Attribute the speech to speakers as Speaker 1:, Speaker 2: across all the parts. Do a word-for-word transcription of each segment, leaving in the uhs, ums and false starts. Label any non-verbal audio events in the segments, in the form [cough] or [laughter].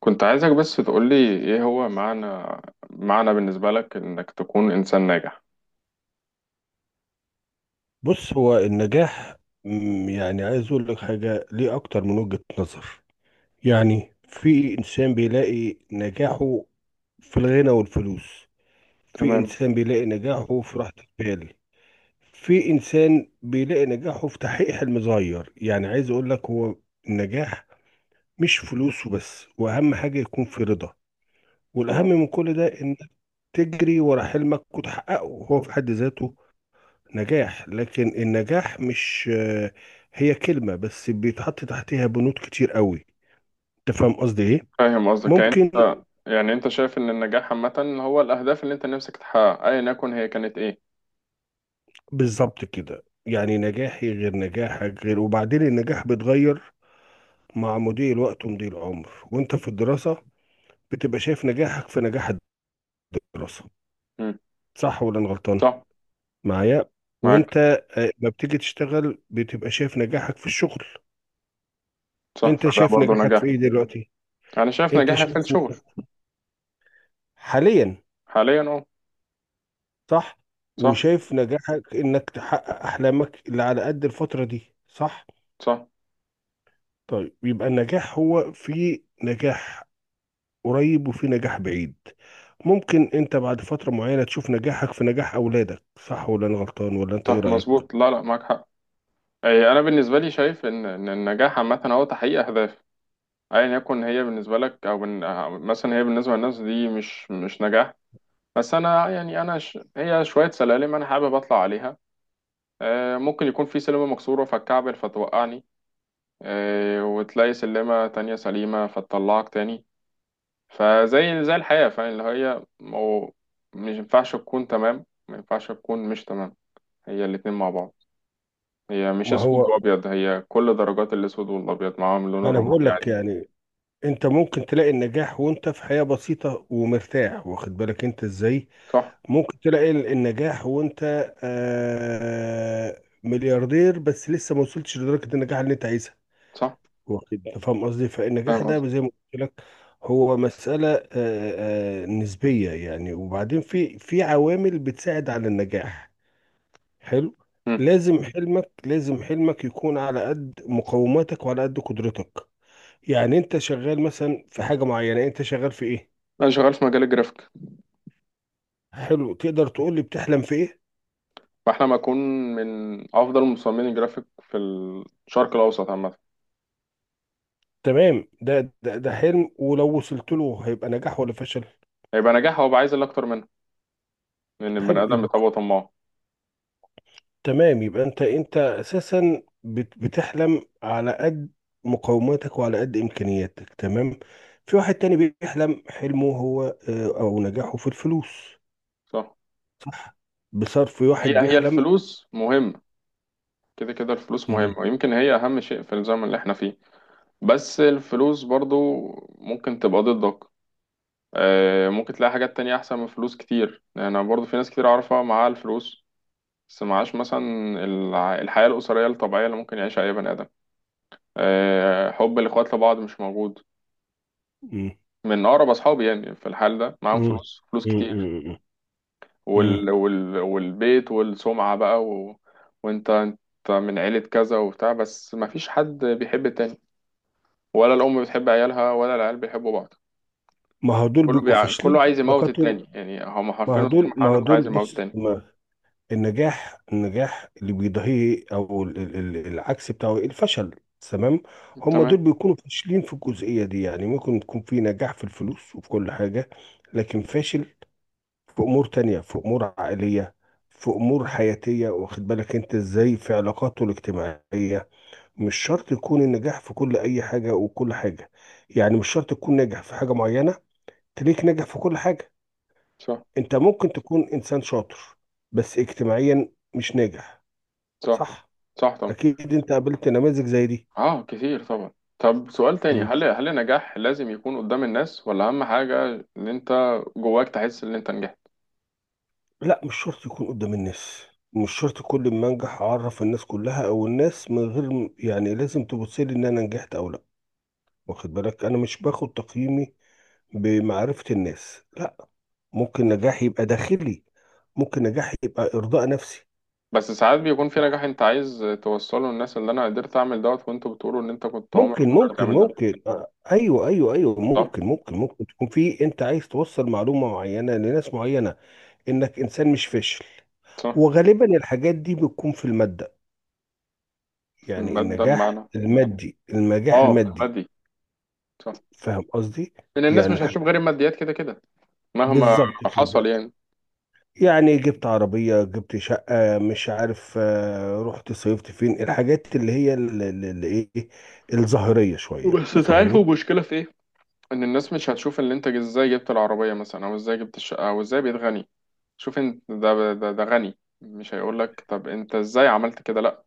Speaker 1: كنت عايزك بس تقولي ايه هو معنى معنى بالنسبة لك انك تكون انسان ناجح؟
Speaker 2: بص هو النجاح. مم، يعني عايز اقول لك حاجه ليه اكتر من وجهه نظر. يعني في انسان بيلاقي نجاحه في الغنى والفلوس، في
Speaker 1: تمام،
Speaker 2: انسان بيلاقي نجاحه في راحه البال، في انسان بيلاقي نجاحه في تحقيق حلم صغير. يعني عايز اقول لك، هو النجاح مش فلوس وبس، واهم حاجه يكون في رضا، والاهم
Speaker 1: تمام.
Speaker 2: من كل ده ان تجري ورا حلمك وتحققه، هو في حد ذاته نجاح. لكن النجاح مش آه، هي كلمة بس بيتحط تحتها بنود كتير قوي. انت فاهم قصدي ايه؟
Speaker 1: فاهم قصدك، يعني
Speaker 2: ممكن.
Speaker 1: انت يعني انت شايف ان النجاح عامة هو الاهداف اللي انت نفسك تحققها ايا يكن هي كانت ايه؟
Speaker 2: بالظبط كده، يعني نجاحي غير نجاحك غير، وبعدين النجاح بيتغير مع مضي الوقت ومضي العمر. وانت في الدراسة بتبقى شايف نجاحك في نجاح الدراسة،
Speaker 1: مم.
Speaker 2: صح ولا انا غلطان؟
Speaker 1: صح،
Speaker 2: معايا.
Speaker 1: معاك.
Speaker 2: وانت آه، ما بتيجي تشتغل بتبقى شايف نجاحك في الشغل.
Speaker 1: صح،
Speaker 2: انت
Speaker 1: فده
Speaker 2: شايف
Speaker 1: برضه
Speaker 2: نجاحك
Speaker 1: نجاح.
Speaker 2: في ايه دلوقتي؟
Speaker 1: انا شايف
Speaker 2: انت
Speaker 1: نجاحي في
Speaker 2: شايف
Speaker 1: الشغل
Speaker 2: نجاح- حاليا.
Speaker 1: حاليا، اه.
Speaker 2: صح.
Speaker 1: صح،
Speaker 2: وشايف نجاحك انك تحقق احلامك اللي على قد الفترة دي، صح.
Speaker 1: صح،
Speaker 2: طيب يبقى النجاح هو في نجاح قريب وفي نجاح بعيد. ممكن انت بعد فترة معينة تشوف نجاحك في نجاح اولادك، صح ولا انا غلطان؟ ولا انت ايه
Speaker 1: صح،
Speaker 2: رأيك؟
Speaker 1: مظبوط. لا، لا، معاك حق. اي، انا بالنسبة لي شايف ان ان النجاح عامة هو تحقيق اهداف. ايا يكن هي بالنسبة لك او بن... مثلا هي بالنسبة للناس دي مش مش نجاح. بس انا يعني انا ش... هي شويه سلالم انا حابب اطلع عليها. آه، ممكن يكون في سلمه مكسوره فتكعبل فتوقعني. آه، وتلاقي سلمه تانية سليمه فتطلعك تاني. فزي زي الحياه فاهم اللي هي مو... مش ينفعش تكون تمام، ما ينفعش تكون مش تمام. هي الاتنين مع بعض. هي مش
Speaker 2: ما
Speaker 1: اسود
Speaker 2: هو،
Speaker 1: وابيض، هي كل درجات الاسود والابيض، معاهم اللون
Speaker 2: ما انا بقول
Speaker 1: الرمادي
Speaker 2: لك،
Speaker 1: عادي.
Speaker 2: يعني انت ممكن تلاقي النجاح وانت في حياة بسيطة ومرتاح، واخد بالك انت ازاي.
Speaker 1: صح،
Speaker 2: ممكن تلاقي ال- النجاح وانت آه ملياردير بس لسه ما وصلتش لدرجة النجاح اللي انت عايزها.
Speaker 1: صح.
Speaker 2: واخد بالك. فاهم قصدي. فالنجاح
Speaker 1: فاهم قصدي.
Speaker 2: ده زي ما قلت لك هو مسألة آه، آه، نسبية يعني. وبعدين في في عوامل بتساعد على النجاح. حلو.
Speaker 1: مم.
Speaker 2: لازم حلمك، لازم حلمك يكون على قد مقوماتك وعلى قد قدرتك. يعني انت شغال مثلا في حاجة معينة، انت شغال في ايه؟
Speaker 1: انا شغال في مجال الجرافيك.
Speaker 2: حلو، تقدر تقول لي بتحلم في ايه؟
Speaker 1: فاحنا ما اكون من افضل مصممين الجرافيك في الشرق الاوسط عامه.
Speaker 2: تمام. ده ده, ده حلم ولو وصلت له هيبقى نجاح ولا فشل؟
Speaker 1: هيبقى نجاح، هو بقى عايز اللي اكتر منه لان البني
Speaker 2: حلو،
Speaker 1: ادم
Speaker 2: يبقى
Speaker 1: بيتبقى طماع.
Speaker 2: تمام. يبقى انت، انت اساسا بت- بتحلم على قد مقوماتك وعلى قد امكانياتك، تمام. في واحد تاني بيحلم حلمه هو آه، او نجاحه في الفلوس،
Speaker 1: صح.
Speaker 2: صح. بصرف، واحد
Speaker 1: هي هي
Speaker 2: بيحلم.
Speaker 1: الفلوس مهمه. كده كده الفلوس
Speaker 2: مم،
Speaker 1: مهمه، ويمكن هي اهم شيء في الزمن اللي احنا فيه. بس الفلوس برضو ممكن تبقى ضدك. آه، ممكن تلاقي حاجات تانية احسن من فلوس كتير، انا برضو في ناس كتير اعرفها معاها الفلوس. بس معاش مثلا. الع- الحياه الاسريه الطبيعيه اللي ممكن يعيشها اي بني ادم. آه، حب الاخوات لبعض مش موجود.
Speaker 2: مم،
Speaker 1: من اقرب اصحابي يعني في الحال ده معاهم
Speaker 2: مم،
Speaker 1: فلوس، فلوس
Speaker 2: مم،
Speaker 1: كتير.
Speaker 2: مم، مم.
Speaker 1: وال... وال... والبيت والسمعة بقى و... وانت انت من عيلة كذا وبتاع، بس مفيش حد بيحب التاني. ولا الأم بتحب عيالها، ولا العيال بيحبوا بعض.
Speaker 2: ما هو دول
Speaker 1: كله
Speaker 2: بيبقوا
Speaker 1: بيع...
Speaker 2: فاشلين
Speaker 1: كله
Speaker 2: في
Speaker 1: عايز يموت
Speaker 2: علاقاتهم.
Speaker 1: التاني، يعني هما
Speaker 2: ما
Speaker 1: حرفيا
Speaker 2: هو
Speaker 1: وسط
Speaker 2: دول ما
Speaker 1: المحاولة
Speaker 2: هو
Speaker 1: كله
Speaker 2: دول
Speaker 1: عايز يموت
Speaker 2: بص،
Speaker 1: التاني.
Speaker 2: ما النجاح النجاح اللي بيضاهيه، او ال- ال- ال- العكس بتاعه، الفشل، تمام. هم دول
Speaker 1: تمام.
Speaker 2: بيكونوا فاشلين في الجزئية دي. يعني ممكن تكون في نجاح في الفلوس وفي كل حاجة، لكن فاشل في امور تانية، في امور عائلية، في امور حياتية، واخد بالك انت ازاي، في علاقاته الاجتماعية. مش شرط يكون النجاح في كل اي حاجة وكل حاجة. يعني مش شرط تكون ناجح في حاجة معينة تليك ناجح في كل حاجة.
Speaker 1: صح.
Speaker 2: انت ممكن تكون انسان شاطر بس اجتماعيا مش ناجح.
Speaker 1: صح،
Speaker 2: صح.
Speaker 1: صح طبعا.
Speaker 2: اكيد انت قابلت نماذج زي دي.
Speaker 1: اه، كتير طبعا. طب سؤال تاني،
Speaker 2: مم.
Speaker 1: هل هل النجاح لازم يكون قدام الناس، ولا أهم حاجة إن أنت جواك تحس إن أنت نجحت؟
Speaker 2: لا، مش شرط يكون قدام الناس. مش شرط كل ما انجح اعرف الناس كلها، او الناس من غير م- يعني لازم تبص لي ان انا نجحت او لا. واخد بالك، انا مش باخد تقييمي بمعرفة الناس، لا. ممكن نجاحي يبقى داخلي، ممكن نجاحي يبقى ارضاء نفسي.
Speaker 1: بس ساعات بيكون في
Speaker 2: صح.
Speaker 1: نجاح انت عايز توصله للناس، اللي انا قدرت اعمل دوت وانتوا بتقولوا ان انت كنت عمرك ما
Speaker 2: ممكن
Speaker 1: قدرت
Speaker 2: ممكن
Speaker 1: تعمل ده.
Speaker 2: ممكن آه، ايوه ايوه ايوه،
Speaker 1: صح.
Speaker 2: ممكن ممكن ممكن تكون في، انت عايز توصل معلومة معينة لناس معينة، انك انسان مش فاشل.
Speaker 1: صح.
Speaker 2: وغالبا الحاجات دي بتكون في المادة.
Speaker 1: في
Speaker 2: يعني
Speaker 1: المادة
Speaker 2: النجاح
Speaker 1: بمعنى؟
Speaker 2: المادي، النجاح
Speaker 1: اه، في
Speaker 2: المادي.
Speaker 1: المادي. صح.
Speaker 2: فاهم قصدي.
Speaker 1: لان الناس
Speaker 2: يعني
Speaker 1: مش
Speaker 2: الح-
Speaker 1: هتشوف غير الماديات، كده كده. مهما
Speaker 2: بالظبط
Speaker 1: حصل
Speaker 2: كده.
Speaker 1: يعني.
Speaker 2: يعني جبت عربية، جبت شقة، مش عارف، آه، رحت صيفت فين، الحاجات اللي هي اللي ايه، الظاهرية شوية،
Speaker 1: بس تعرفوا
Speaker 2: فاهمني.
Speaker 1: المشكلة في ايه؟ ان الناس مش هتشوف اللي انت ازاي جبت العربية مثلا، او ازاي جبت الشقة، او ازاي بقيت غني. شوف انت، ده ده, ده غني مش هيقول لك طب انت ازاي عملت كده؟ لا.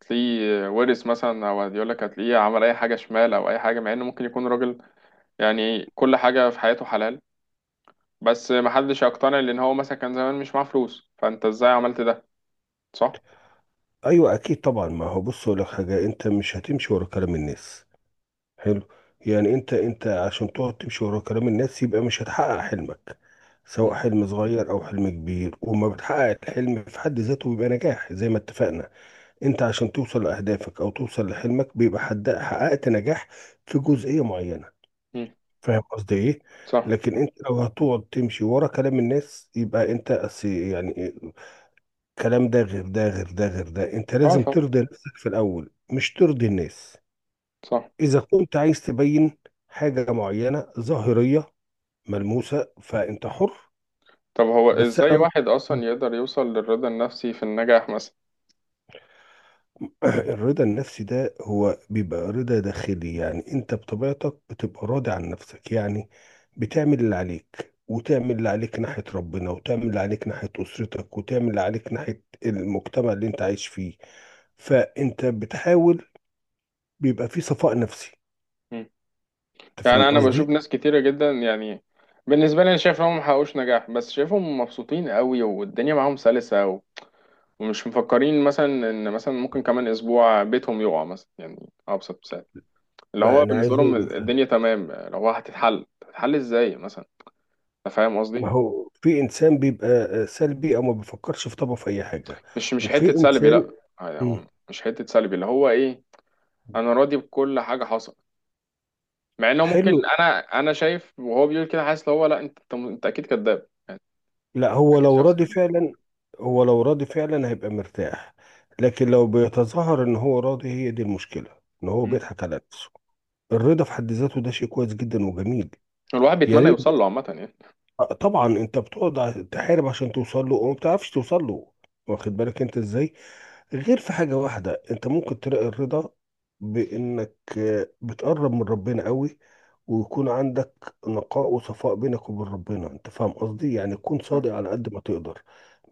Speaker 1: تلاقيه ورث مثلا، او يقول لك هتلاقيه عمل اي حاجة شمال، او اي حاجة، مع انه ممكن يكون راجل. يعني كل حاجة في حياته حلال. بس محدش يقتنع لأن هو مثلا كان زمان مش معاه فلوس، فأنت إزاي عملت ده. صح؟
Speaker 2: ايوه، اكيد طبعا. ما هو، بص اقول لك حاجة، انت مش هتمشي ورا كلام الناس. حلو. يعني انت، انت عشان تقعد تمشي ورا كلام الناس يبقى مش هتحقق حلمك، سواء
Speaker 1: مم.
Speaker 2: حلم صغير او حلم كبير. وما بتحقق الحلم في حد ذاته بيبقى نجاح، زي ما اتفقنا. انت عشان توصل لاهدافك او توصل لحلمك بيبقى حد حققت نجاح في جزئية معينة.
Speaker 1: مم.
Speaker 2: فاهم قصدي ايه.
Speaker 1: صح.
Speaker 2: لكن انت لو هتقعد تمشي ورا كلام الناس يبقى انت أس- يعني كلام ده غير ده غير ده غير ده. انت
Speaker 1: اه
Speaker 2: لازم
Speaker 1: طبعا.
Speaker 2: ترضي نفسك في الاول، مش ترضي الناس.
Speaker 1: صح.
Speaker 2: إذا كنت عايز تبين حاجة معينة ظاهرية ملموسة، فأنت حر.
Speaker 1: طب هو
Speaker 2: بس
Speaker 1: إزاي
Speaker 2: أنا
Speaker 1: واحد أصلا يقدر يوصل للرضا النفسي في النجاح مثلا؟
Speaker 2: [clears throat] الرضا النفسي ده هو بيبقى رضا داخلي. يعني أنت بطبيعتك بتبقى راضي عن نفسك، يعني بتعمل اللي عليك، وتعمل اللي عليك ناحية ربنا، وتعمل اللي عليك ناحية أسرتك، وتعمل اللي عليك ناحية المجتمع اللي أنت عايش فيه، فأنت بتحاول. بيبقى في صفاء نفسي.
Speaker 1: مم.
Speaker 2: أنت فاهم
Speaker 1: يعني أنا
Speaker 2: قصدي؟
Speaker 1: بشوف ناس كتيرة جدا يعني. بالنسبة لي أنا شايف إن هم محققوش نجاح، بس شايفهم مبسوطين قوي والدنيا معاهم سلسة و- ومش مفكرين مثلا إن مثلا ممكن كمان أسبوع بيتهم يقع مثلا، يعني أبسط مثال. اللي
Speaker 2: ما
Speaker 1: هو
Speaker 2: أنا
Speaker 1: بالنسبة
Speaker 2: عايز
Speaker 1: لهم
Speaker 2: أقول لك،
Speaker 1: الدنيا تمام، اللي هو هتتحل هتتحل ازاي مثلا. انت فاهم
Speaker 2: ما
Speaker 1: قصدي.
Speaker 2: هو في انسان بيبقى آه، سلبي، او ما بيفكرش في طبعه في اي حاجه.
Speaker 1: مش مش حتة
Speaker 2: وفي
Speaker 1: سلبي،
Speaker 2: انسان،
Speaker 1: لا. يعني
Speaker 2: مم،
Speaker 1: هو مش حتة سلبي اللي هو ايه. انا راضي بكل حاجة حصلت. مع انه ممكن.
Speaker 2: حلو.
Speaker 1: انا انا شايف وهو بيقول كده حاسس اللي هو لا انت انت انت اكيد كذاب يعني.
Speaker 2: لا،
Speaker 1: أنت
Speaker 2: هو
Speaker 1: اكيد
Speaker 2: لو
Speaker 1: شخص
Speaker 2: راضي
Speaker 1: كذاب.
Speaker 2: فعلا هو لو راضي فعلا هيبقى مرتاح. لكن لو بيتظاهر ان هو راضي، هي دي المشكله، ان هو
Speaker 1: مم.
Speaker 2: بيضحك على نفسه. الرضا في حد ذاته ده شيء كويس جدا وجميل.
Speaker 1: الواحد
Speaker 2: يا
Speaker 1: بيتمنى يوصل
Speaker 2: ريت.
Speaker 1: له عامة يعني.
Speaker 2: آه، طبعا. انت بتقعد ع- تحارب عشان توصل له، وما بتعرفش توصل له، واخد بالك انت ازاي. غير في حاجة واحدة انت ممكن تلاقي الرضا، بانك آه، بتقرب من ربنا قوي، ويكون عندك نقاء وصفاء بينك وبين ربنا، انت فاهم قصدي، يعني تكون
Speaker 1: آه.
Speaker 2: صادق على قد ما تقدر.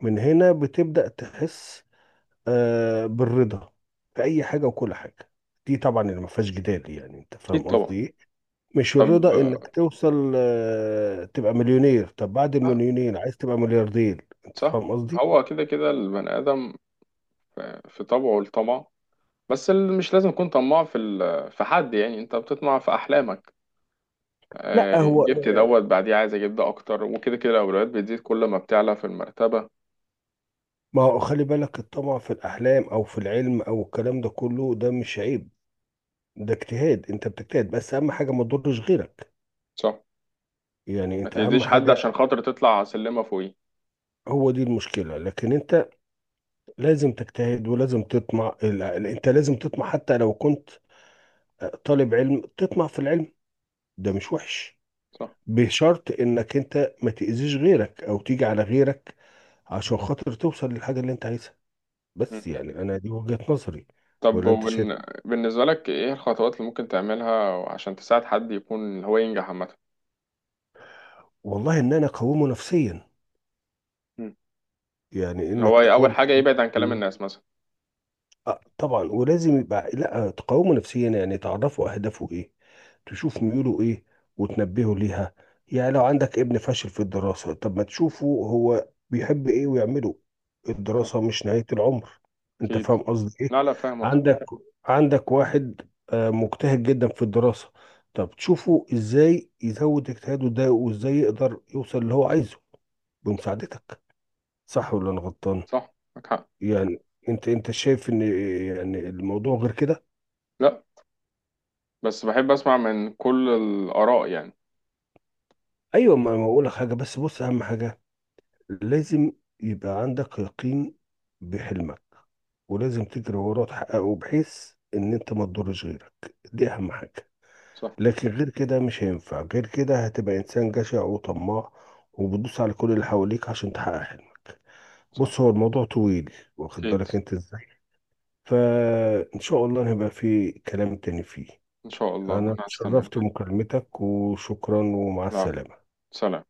Speaker 2: من هنا بتبدأ تحس آه، بالرضا في اي حاجة وكل حاجة. دي طبعا اللي ما فيهاش جدال، يعني انت
Speaker 1: اكيد
Speaker 2: فاهم
Speaker 1: طبعا.
Speaker 2: قصدي ايه. مش
Speaker 1: طب
Speaker 2: الرضا انك
Speaker 1: آه،
Speaker 2: توصل آه، تبقى مليونير، طب بعد
Speaker 1: لا.
Speaker 2: المليونير عايز تبقى ملياردير، انت
Speaker 1: صح.
Speaker 2: فاهم قصدي.
Speaker 1: هو كده كده البني ادم في في طبعه الطمع. بس ال- مش لازم يكون طماع في ال- في حد، يعني انت بتطمع في احلامك.
Speaker 2: لا،
Speaker 1: آه،
Speaker 2: هو
Speaker 1: جبت دوت بعديه عايز اجيب ده اكتر، وكده كده الاولويات بتزيد كل ما بتعلى في المرتبه.
Speaker 2: ما هو، خلي بالك، الطمع في الأحلام أو في العلم أو الكلام ده كله، ده مش عيب. ده اجتهاد، أنت بتجتهد، بس أهم حاجة ما تضرش غيرك.
Speaker 1: صح.
Speaker 2: يعني
Speaker 1: ما
Speaker 2: أنت أهم
Speaker 1: تأذيش حد
Speaker 2: حاجة،
Speaker 1: عشان خاطر تطلع سلمه فوقيه.
Speaker 2: هو دي المشكلة. لكن أنت لازم تجتهد، ولازم تطمع ال- ال- أنت لازم تطمع حتى لو كنت طالب علم، تطمع في العلم. ده مش وحش.
Speaker 1: صح.
Speaker 2: بشرط إنك أنت ما تأذيش غيرك أو تيجي على غيرك عشان خاطر توصل للحاجة اللي أنت عايزها.
Speaker 1: مم.
Speaker 2: بس يعني أنا دي وجهة نظري.
Speaker 1: طب
Speaker 2: ولا أنت شايف؟
Speaker 1: وبن... بالنسبه لك ايه الخطوات اللي ممكن تعملها عشان تساعد حد يكون اللي هو ينجح عامه؟
Speaker 2: والله، إن أنا أقومه نفسيا،
Speaker 1: مم.
Speaker 2: يعني
Speaker 1: اللي هو
Speaker 2: انك
Speaker 1: اول
Speaker 2: تقاوم
Speaker 1: حاجه يبعد عن كلام
Speaker 2: نفسياً.
Speaker 1: الناس مثلا.
Speaker 2: آه طبعا. ولازم يبقى، لا، تقاومه نفسيا، يعني تعرفوا اهدافه ايه، تشوف ميوله ايه وتنبهه ليها. يعني لو عندك ابن فاشل في الدراسة، طب ما تشوفه هو بيحب ايه ويعمله.
Speaker 1: صح.
Speaker 2: الدراسة مش نهاية العمر. انت
Speaker 1: اكيد.
Speaker 2: فاهم قصدي ايه.
Speaker 1: لا، لا، فاهم قصدك.
Speaker 2: عندك عندك واحد آه، مجتهد جدا في الدراسة، طب تشوفه ازاي يزود اجتهاده ده، وازاي يقدر يوصل اللي هو عايزه
Speaker 1: صح،
Speaker 2: بمساعدتك. صح ولا انا غلطان؟
Speaker 1: صح، معاك حق.
Speaker 2: يعني انت، انت شايف ان يعني الموضوع غير كده.
Speaker 1: لا، بس بحب اسمع من كل الاراء يعني.
Speaker 2: ايوه، ما ما اقول لك حاجه، بس بص، اهم حاجه لازم يبقى عندك يقين بحلمك، ولازم تجري وراه تحققه، بحيث ان انت ما تضرش غيرك، دي اهم حاجه.
Speaker 1: صح،
Speaker 2: لكن غير كده مش هينفع، غير كده هتبقى انسان جشع وطماع، وبتدوس على كل اللي حواليك عشان تحقق حلمك. بص
Speaker 1: صح،
Speaker 2: هو الموضوع طويل، واخد
Speaker 1: اكيد.
Speaker 2: بالك انت ازاي. فان شاء الله هيبقى في كلام تاني فيه.
Speaker 1: ان شاء الله،
Speaker 2: أنا
Speaker 1: وانا
Speaker 2: تشرفت
Speaker 1: هستناك.
Speaker 2: بمكالمتك، وشكرا ومع
Speaker 1: لا.
Speaker 2: السلامة.
Speaker 1: سلام.